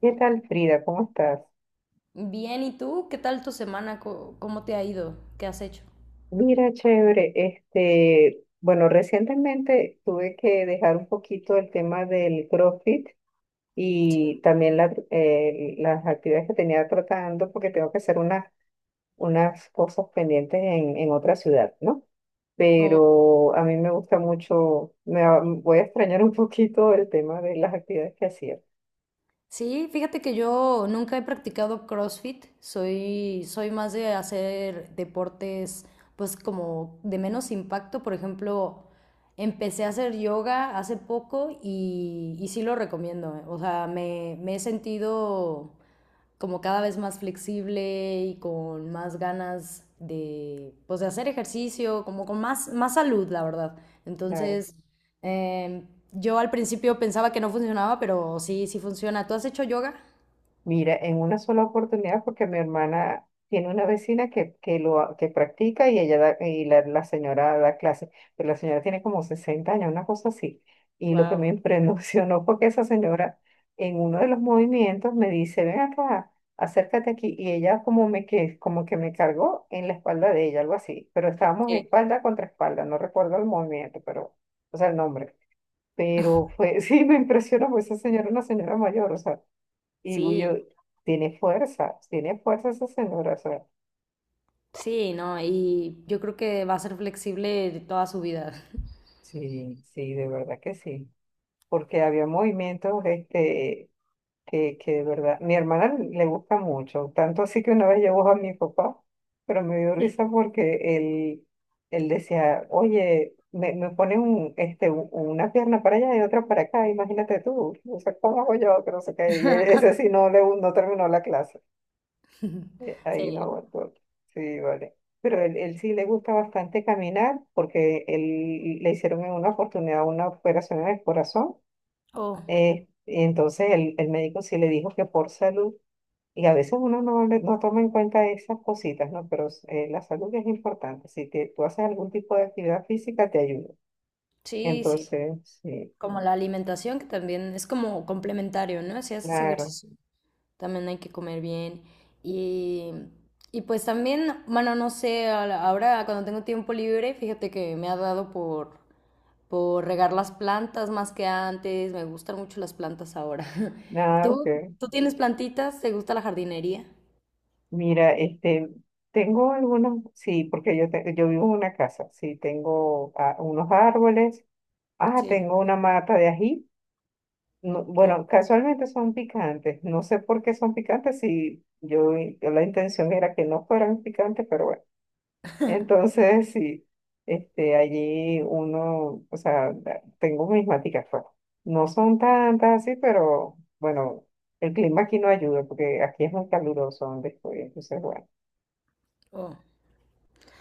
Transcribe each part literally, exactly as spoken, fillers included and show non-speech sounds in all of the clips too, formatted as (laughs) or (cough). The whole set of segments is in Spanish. ¿Qué tal, Frida? ¿Cómo estás? Bien, ¿y tú? ¿Qué tal tu semana? Co- ¿Cómo te ha ido? ¿Qué has hecho? Mira, chévere. Este, bueno, recientemente tuve que dejar un poquito el tema del CrossFit y también la- eh, las actividades que tenía tratando porque tengo que hacer unas, unas cosas pendientes en, en otra ciudad, ¿no? O- Pero a mí me gusta mucho, me va- voy a extrañar un poquito el tema de las actividades que hacía. sí, fíjate que yo nunca he practicado CrossFit. Soy, soy más de hacer deportes, pues como de menos impacto. Por ejemplo, empecé a hacer yoga hace poco y, y sí lo recomiendo. Eh, o sea, me, me he sentido como cada vez más flexible y con más ganas de, pues, de hacer ejercicio, como con más, más salud, la verdad. Claro. Entonces, eh, yo al principio pensaba que no funcionaba, pero sí, sí funciona. ¿Tú has hecho yoga? Mira, en una sola oportunidad, porque mi hermana tiene una vecina que, que lo ha- que practica y ella da- y la, la señora da clases, pero la señora tiene como sesenta años, una cosa así. Y lo que me (laughs) Wow. impresionó fue que esa señora, en uno de los movimientos, me dice, ven acá, acércate aquí. Y ella como me que, como que me cargó en la espalda de ella, algo así. Pero estábamos Sí. espalda contra espalda, no recuerdo el movimiento, pero, o sea, el nombre. Pero fue, (laughs) sí, me impresionó. Pues esa señora, era una señora mayor, o sea. Y yo, Sí, tiene fuerza, tiene fuerza esa señora, o sea. sí, no, y yo creo que va a ser flexible de toda su vida. Sí, sí, de verdad que sí. Porque había movimientos, este, que, que de verdad, mi hermana le gusta mucho, tanto así que una vez llevó a mi papá, pero me dio Sí. risa porque él, él decía, oye, me, me pone un, este, u- una pierna para allá y otra para acá, imagínate tú, o sea, ¿cómo hago yo? Que no sé qué. Y él- ese sí (laughs) no, le, no terminó la clase. Eh, Ahí no Sí. aguantó. Sí, vale. Pero él, él sí le gusta bastante caminar, porque él le hicieron en una oportunidad una operación en el corazón. Oh, eh, y entonces el, el médico sí le dijo que por salud, y a veces uno no, le- no toma en cuenta esas cositas, ¿no? Pero eh, la salud es importante. Si te, tú haces algún tipo de actividad física, te ayuda. sí, sí. Entonces, sí, Como la alimentación, que también es como complementario, ¿no? Si haces claro. ejercicio también hay que comer bien. Y, y pues también, bueno, no sé, a la- ahora cuando tengo tiempo libre, fíjate que me ha dado por, por regar las plantas más que antes. Me gustan mucho las plantas ahora. (laughs) Nada, ok. ¿Tú, tú tienes plantitas? ¿Te gusta la jardinería? Mira, este, tengo algunos, sí, porque yo, te- yo vivo en una casa. Sí, tengo, ah, unos árboles, ah, Sí. tengo una mata de ají. no- Oh, Bueno, casualmente son picantes, no sé por qué son picantes, si yo, i- la intención era que no fueran picantes, pero bueno. Entonces sí, este, allí uno, o sea, da- tengo mis maticas, pues, no son tantas así, pero bueno, el clima aquí no ayuda, porque aquí es muy caluroso donde estoy, entonces bueno. oh.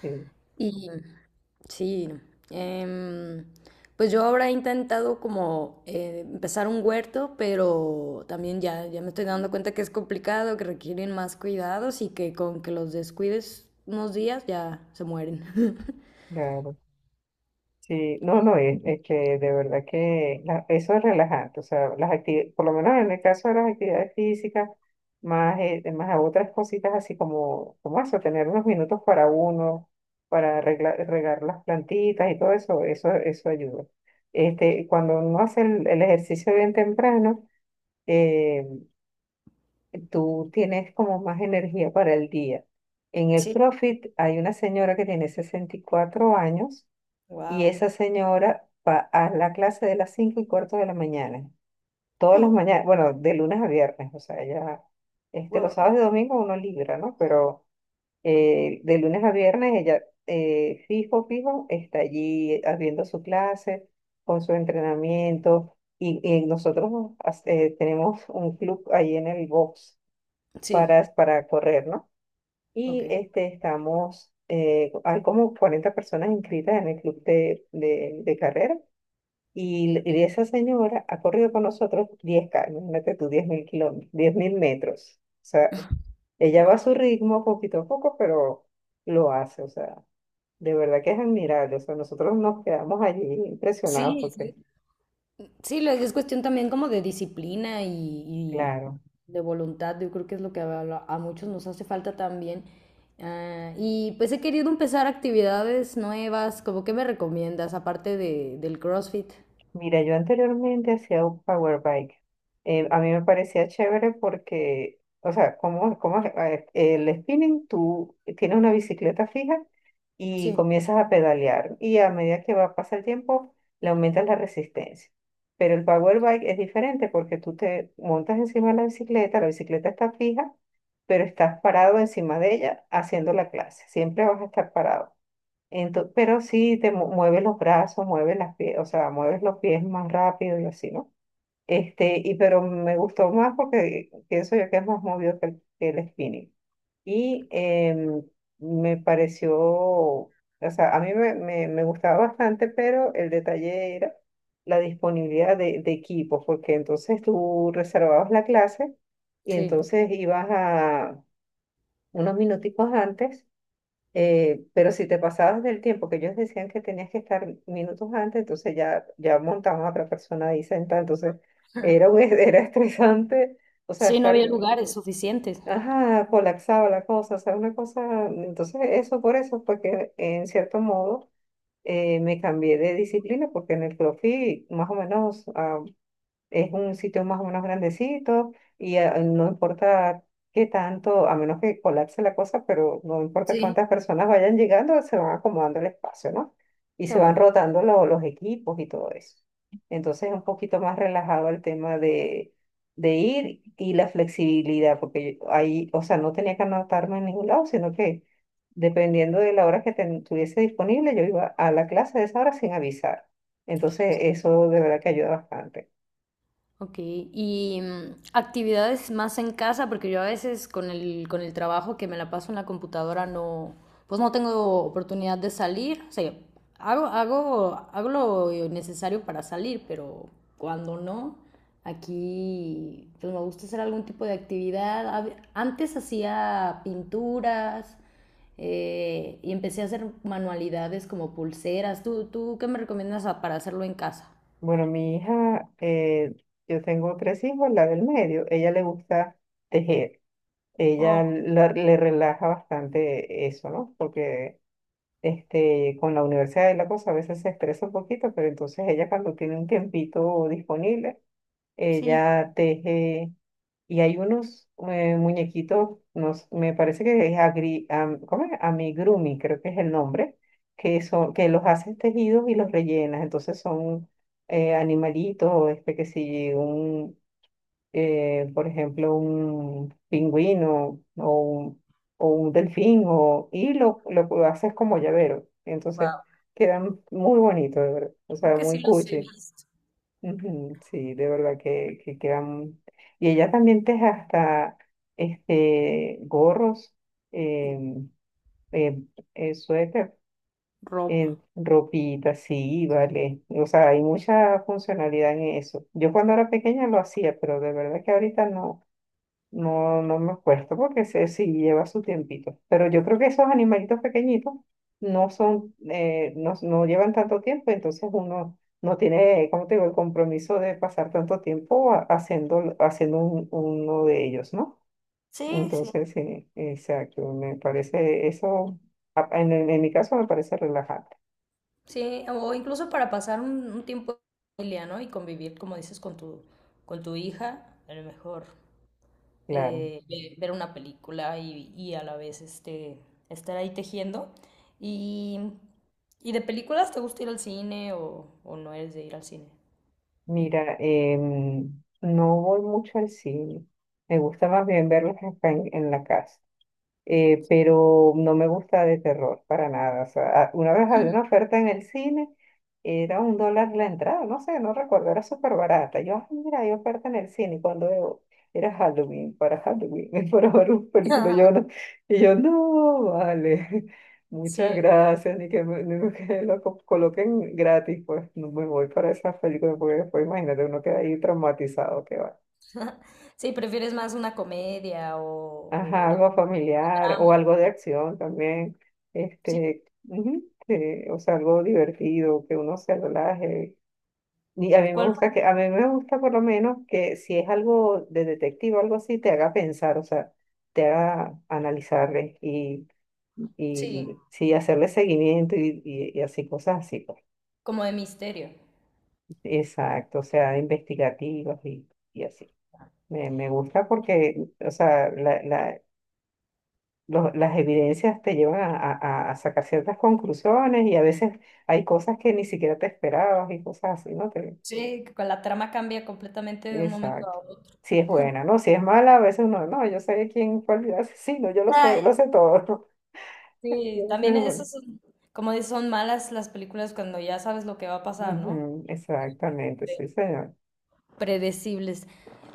Sí. Y sí, em, pues yo ahora he intentado como eh, empezar un huerto, pero también ya, ya me estoy dando cuenta que es complicado, que requieren más cuidados y que con que los descuides unos días ya se mueren. (laughs) Claro, sí, no, no, es, es que de verdad que la- eso es relajante, o sea. Las actividades, por lo menos en el caso de las actividades físicas, más, eh, más a otras cositas así como, como eso, tener unos minutos para uno, para regla- regar las plantitas y todo eso, eso, eso ayuda. Este, cuando uno hace el, el ejercicio bien temprano, eh, tú tienes como más energía para el día. En el Sí, CrossFit hay una señora que tiene sesenta y cuatro años, y wow. esa señora va a la clase de las cinco y cuarto de la mañana. Todas las mañanas, bueno, de lunes a viernes. O sea, ella, este, los Wow. sábados y domingos uno libra, ¿no? Pero eh, de lunes a viernes ella, eh, fijo, fijo, está allí haciendo su clase, con su entrenamiento. Y, y nosotros, as- eh, tenemos un club ahí en el box Sí, para, para correr, ¿no? ok, Y este, estamos, eh, hay como cuarenta personas inscritas en el club de, de, de carrera, y, l- y esa señora ha corrido con nosotros diez K, imagínate tú, diez mil kilómetros, diez mil metros. O sea, ella va a wow. su ritmo, poquito a poco, pero lo hace. O sea, de verdad que es admirable. O sea, nosotros nos quedamos allí impresionados Sí, sí, porque, sí, lo- es cuestión también como de disciplina y, y claro. de voluntad. Yo creo que es lo que a, a a muchos nos hace falta también. Ah, y pues he querido empezar actividades nuevas. ¿Cómo qué me recomiendas, aparte de, del CrossFit? Mira, yo anteriormente hacía un power bike. Eh, a mí me parecía chévere porque, o sea, como, como es? A ver, el spinning, tú tienes una bicicleta fija y Sí, comienzas a pedalear, y a medida que va pasa el tiempo, le aumentas la resistencia. Pero el power bike es diferente, porque tú te montas encima de la bicicleta, la bicicleta está fija, pero estás parado encima de ella haciendo la clase. Siempre vas a estar parado. Ento- pero sí te mu- mueves los brazos, mueves las pies, o sea, mueves los pies más rápido y así, ¿no? Este, y pero me gustó más porque pienso yo que es más movido que el, que el spinning. Y em, me pareció, o sea, a mí me, me, me gustaba bastante, pero el detalle era la disponibilidad de, de equipos, porque entonces tú reservabas la clase y sí. entonces ibas a unos minuticos antes, eh, pero si te pasabas del tiempo que ellos decían que tenías que estar minutos antes, entonces ya, ya montaban a otra persona ahí sentada. Entonces era, un, (laughs) era estresante, o sea, Sí, no estar, había lugares suficientes. ajá, colapsaba la cosa, o sea, una cosa. Entonces eso, por eso, porque en cierto modo, eh, me cambié de disciplina, porque en el CrossFit, más o menos, es un sitio más o menos grandecito, y eh, no importa qué tanto, a menos que colapse la cosa, pero no importa Sí. cuántas personas vayan llegando, se van acomodando el espacio, ¿no? Y Qué se van bueno. rotando lo- los equipos y todo eso. Entonces es un poquito más relajado el tema de, de ir y la flexibilidad, porque yo ahí, o sea, no tenía que anotarme en ningún lado, sino que dependiendo de la hora que ten- tuviese disponible, yo iba a la clase de esa hora sin avisar. Entonces eso de verdad que ayuda bastante. Ok, y mm, actividades más en casa, porque yo a veces con el, con el trabajo que me la paso en la computadora no, pues no tengo oportunidad de salir, o sea, hago, hago, hago lo necesario para salir, pero cuando no, aquí pues me gusta hacer algún tipo de actividad. A ve- Antes hacía pinturas eh, y empecé a hacer manualidades como pulseras. ¿Tú, tú qué me recomiendas a- para hacerlo en casa? Bueno, mi hija, eh, yo tengo tres hijos, la del medio, ella le gusta tejer. Ella Oh, la- le relaja bastante eso, ¿no? Porque este, con la universidad y la cosa a veces se estresa un poquito, pero entonces ella, cuando tiene un tiempito disponible, sí. ella teje, y hay unos, eh, muñequitos, nos, me parece que es agri, am- ¿cómo es? Amigurumi, creo que es el nombre, que son, que los haces tejidos y los rellenas. Entonces son, eh, animalitos, este que si un, eh, por ejemplo, un pingüino o un, o un delfín, o, y lo, lo haces como llavero. Entonces Wow. quedan muy bonitos, de verdad. O sea, muy cuchi. Ujú. Sí, de verdad que, que quedan. Y ella también teje hasta este gorros, em, em, eh, suéter, Ropa. en ropita, sí, vale. O sea, hay mucha funcionalidad en eso. Yo cuando era pequeña lo hacía, pero de verdad que ahorita no. No, no me acuerdo porque se, sí lleva su tiempito. Pero yo creo que esos animalitos pequeñitos no son, eh, no, no llevan tanto tiempo, entonces uno no tiene, como te digo, el compromiso de pasar tanto tiempo ha- haciendo, haciendo un- uno de ellos, ¿no? Sí, sí, Entonces, sí, exacto, me parece eso, a- en, en- en mi caso me parece relajante, sí, o incluso para pasar un, un tiempo en familia, ¿no? Y convivir, como dices, con tu, con tu hija, a lo mejor claro. eh, ve- ver una película y, y a la vez este, estar ahí tejiendo. Y, y de películas, ¿te gusta ir al cine o, o no eres de ir al cine? Mira, em, no voy mucho al cine, me gusta más bien verlos acá en en la casa. eh, pero no me gusta de terror para nada. O sea, a- una vez había una oferta en el cine, era un dólar la entrada, no sé, no recuerdo, era súper barata. Yo, "Ay, mira, hay oferta en el cine", y cuando veo, era Halloween, para Halloween, (laughs) para ver un película, yo (laughs) no, y yo, no, vale, (laughs) muchas Sí, gracias, ni que me, ni que lo co- coloquen gratis, pues no me voy para esas películas, porque después imagínate, uno queda ahí traumatizado, que va. (laughs) sí, prefieres más una comedia Ajá, o, o algo familiar o drama. algo de acción también, Sí, este, ujú, que- o sea, algo divertido, que uno se relaje. Y a mí me ¿cuál fue? gusta que, a mí me gusta por lo menos que si es algo de detective o algo así, te haga pensar, o sea, te haga analizarle, y, Sí, y, y sí, hacerle seguimiento, y, y, y así, cosas así, pues. como de misterio. Exacto, o sea, investigativas y, y así. Me, me gusta porque, o sea, los- las evidencias te llevan a, a- a- a sacar ciertas conclusiones, y a veces hay cosas que ni siquiera te esperabas y cosas así, ¿no? Te- Sí, que con la trama cambia completamente de un momento a exacto. otro. Si es buena, ¿no? Si es mala, a veces uno, no, yo sé quién fue el asesino, yo lo sé, Ay, lo sé todo. (laughs) sí, Entonces, también bueno, esas son, como dices, son malas las películas cuando ya sabes lo que va a pasar, ¿no? ujú, exactamente, Sí. sí, señor. Predecibles.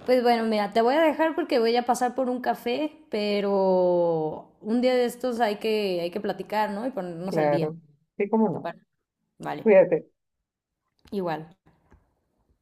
Pues bueno, mira, te voy a dejar porque voy a pasar por un café, pero un día de estos hay que, hay que platicar, ¿no? Y ponernos al día. Claro. Sí, cómo ¿Te no. parece? Vale, Cuídate. igual.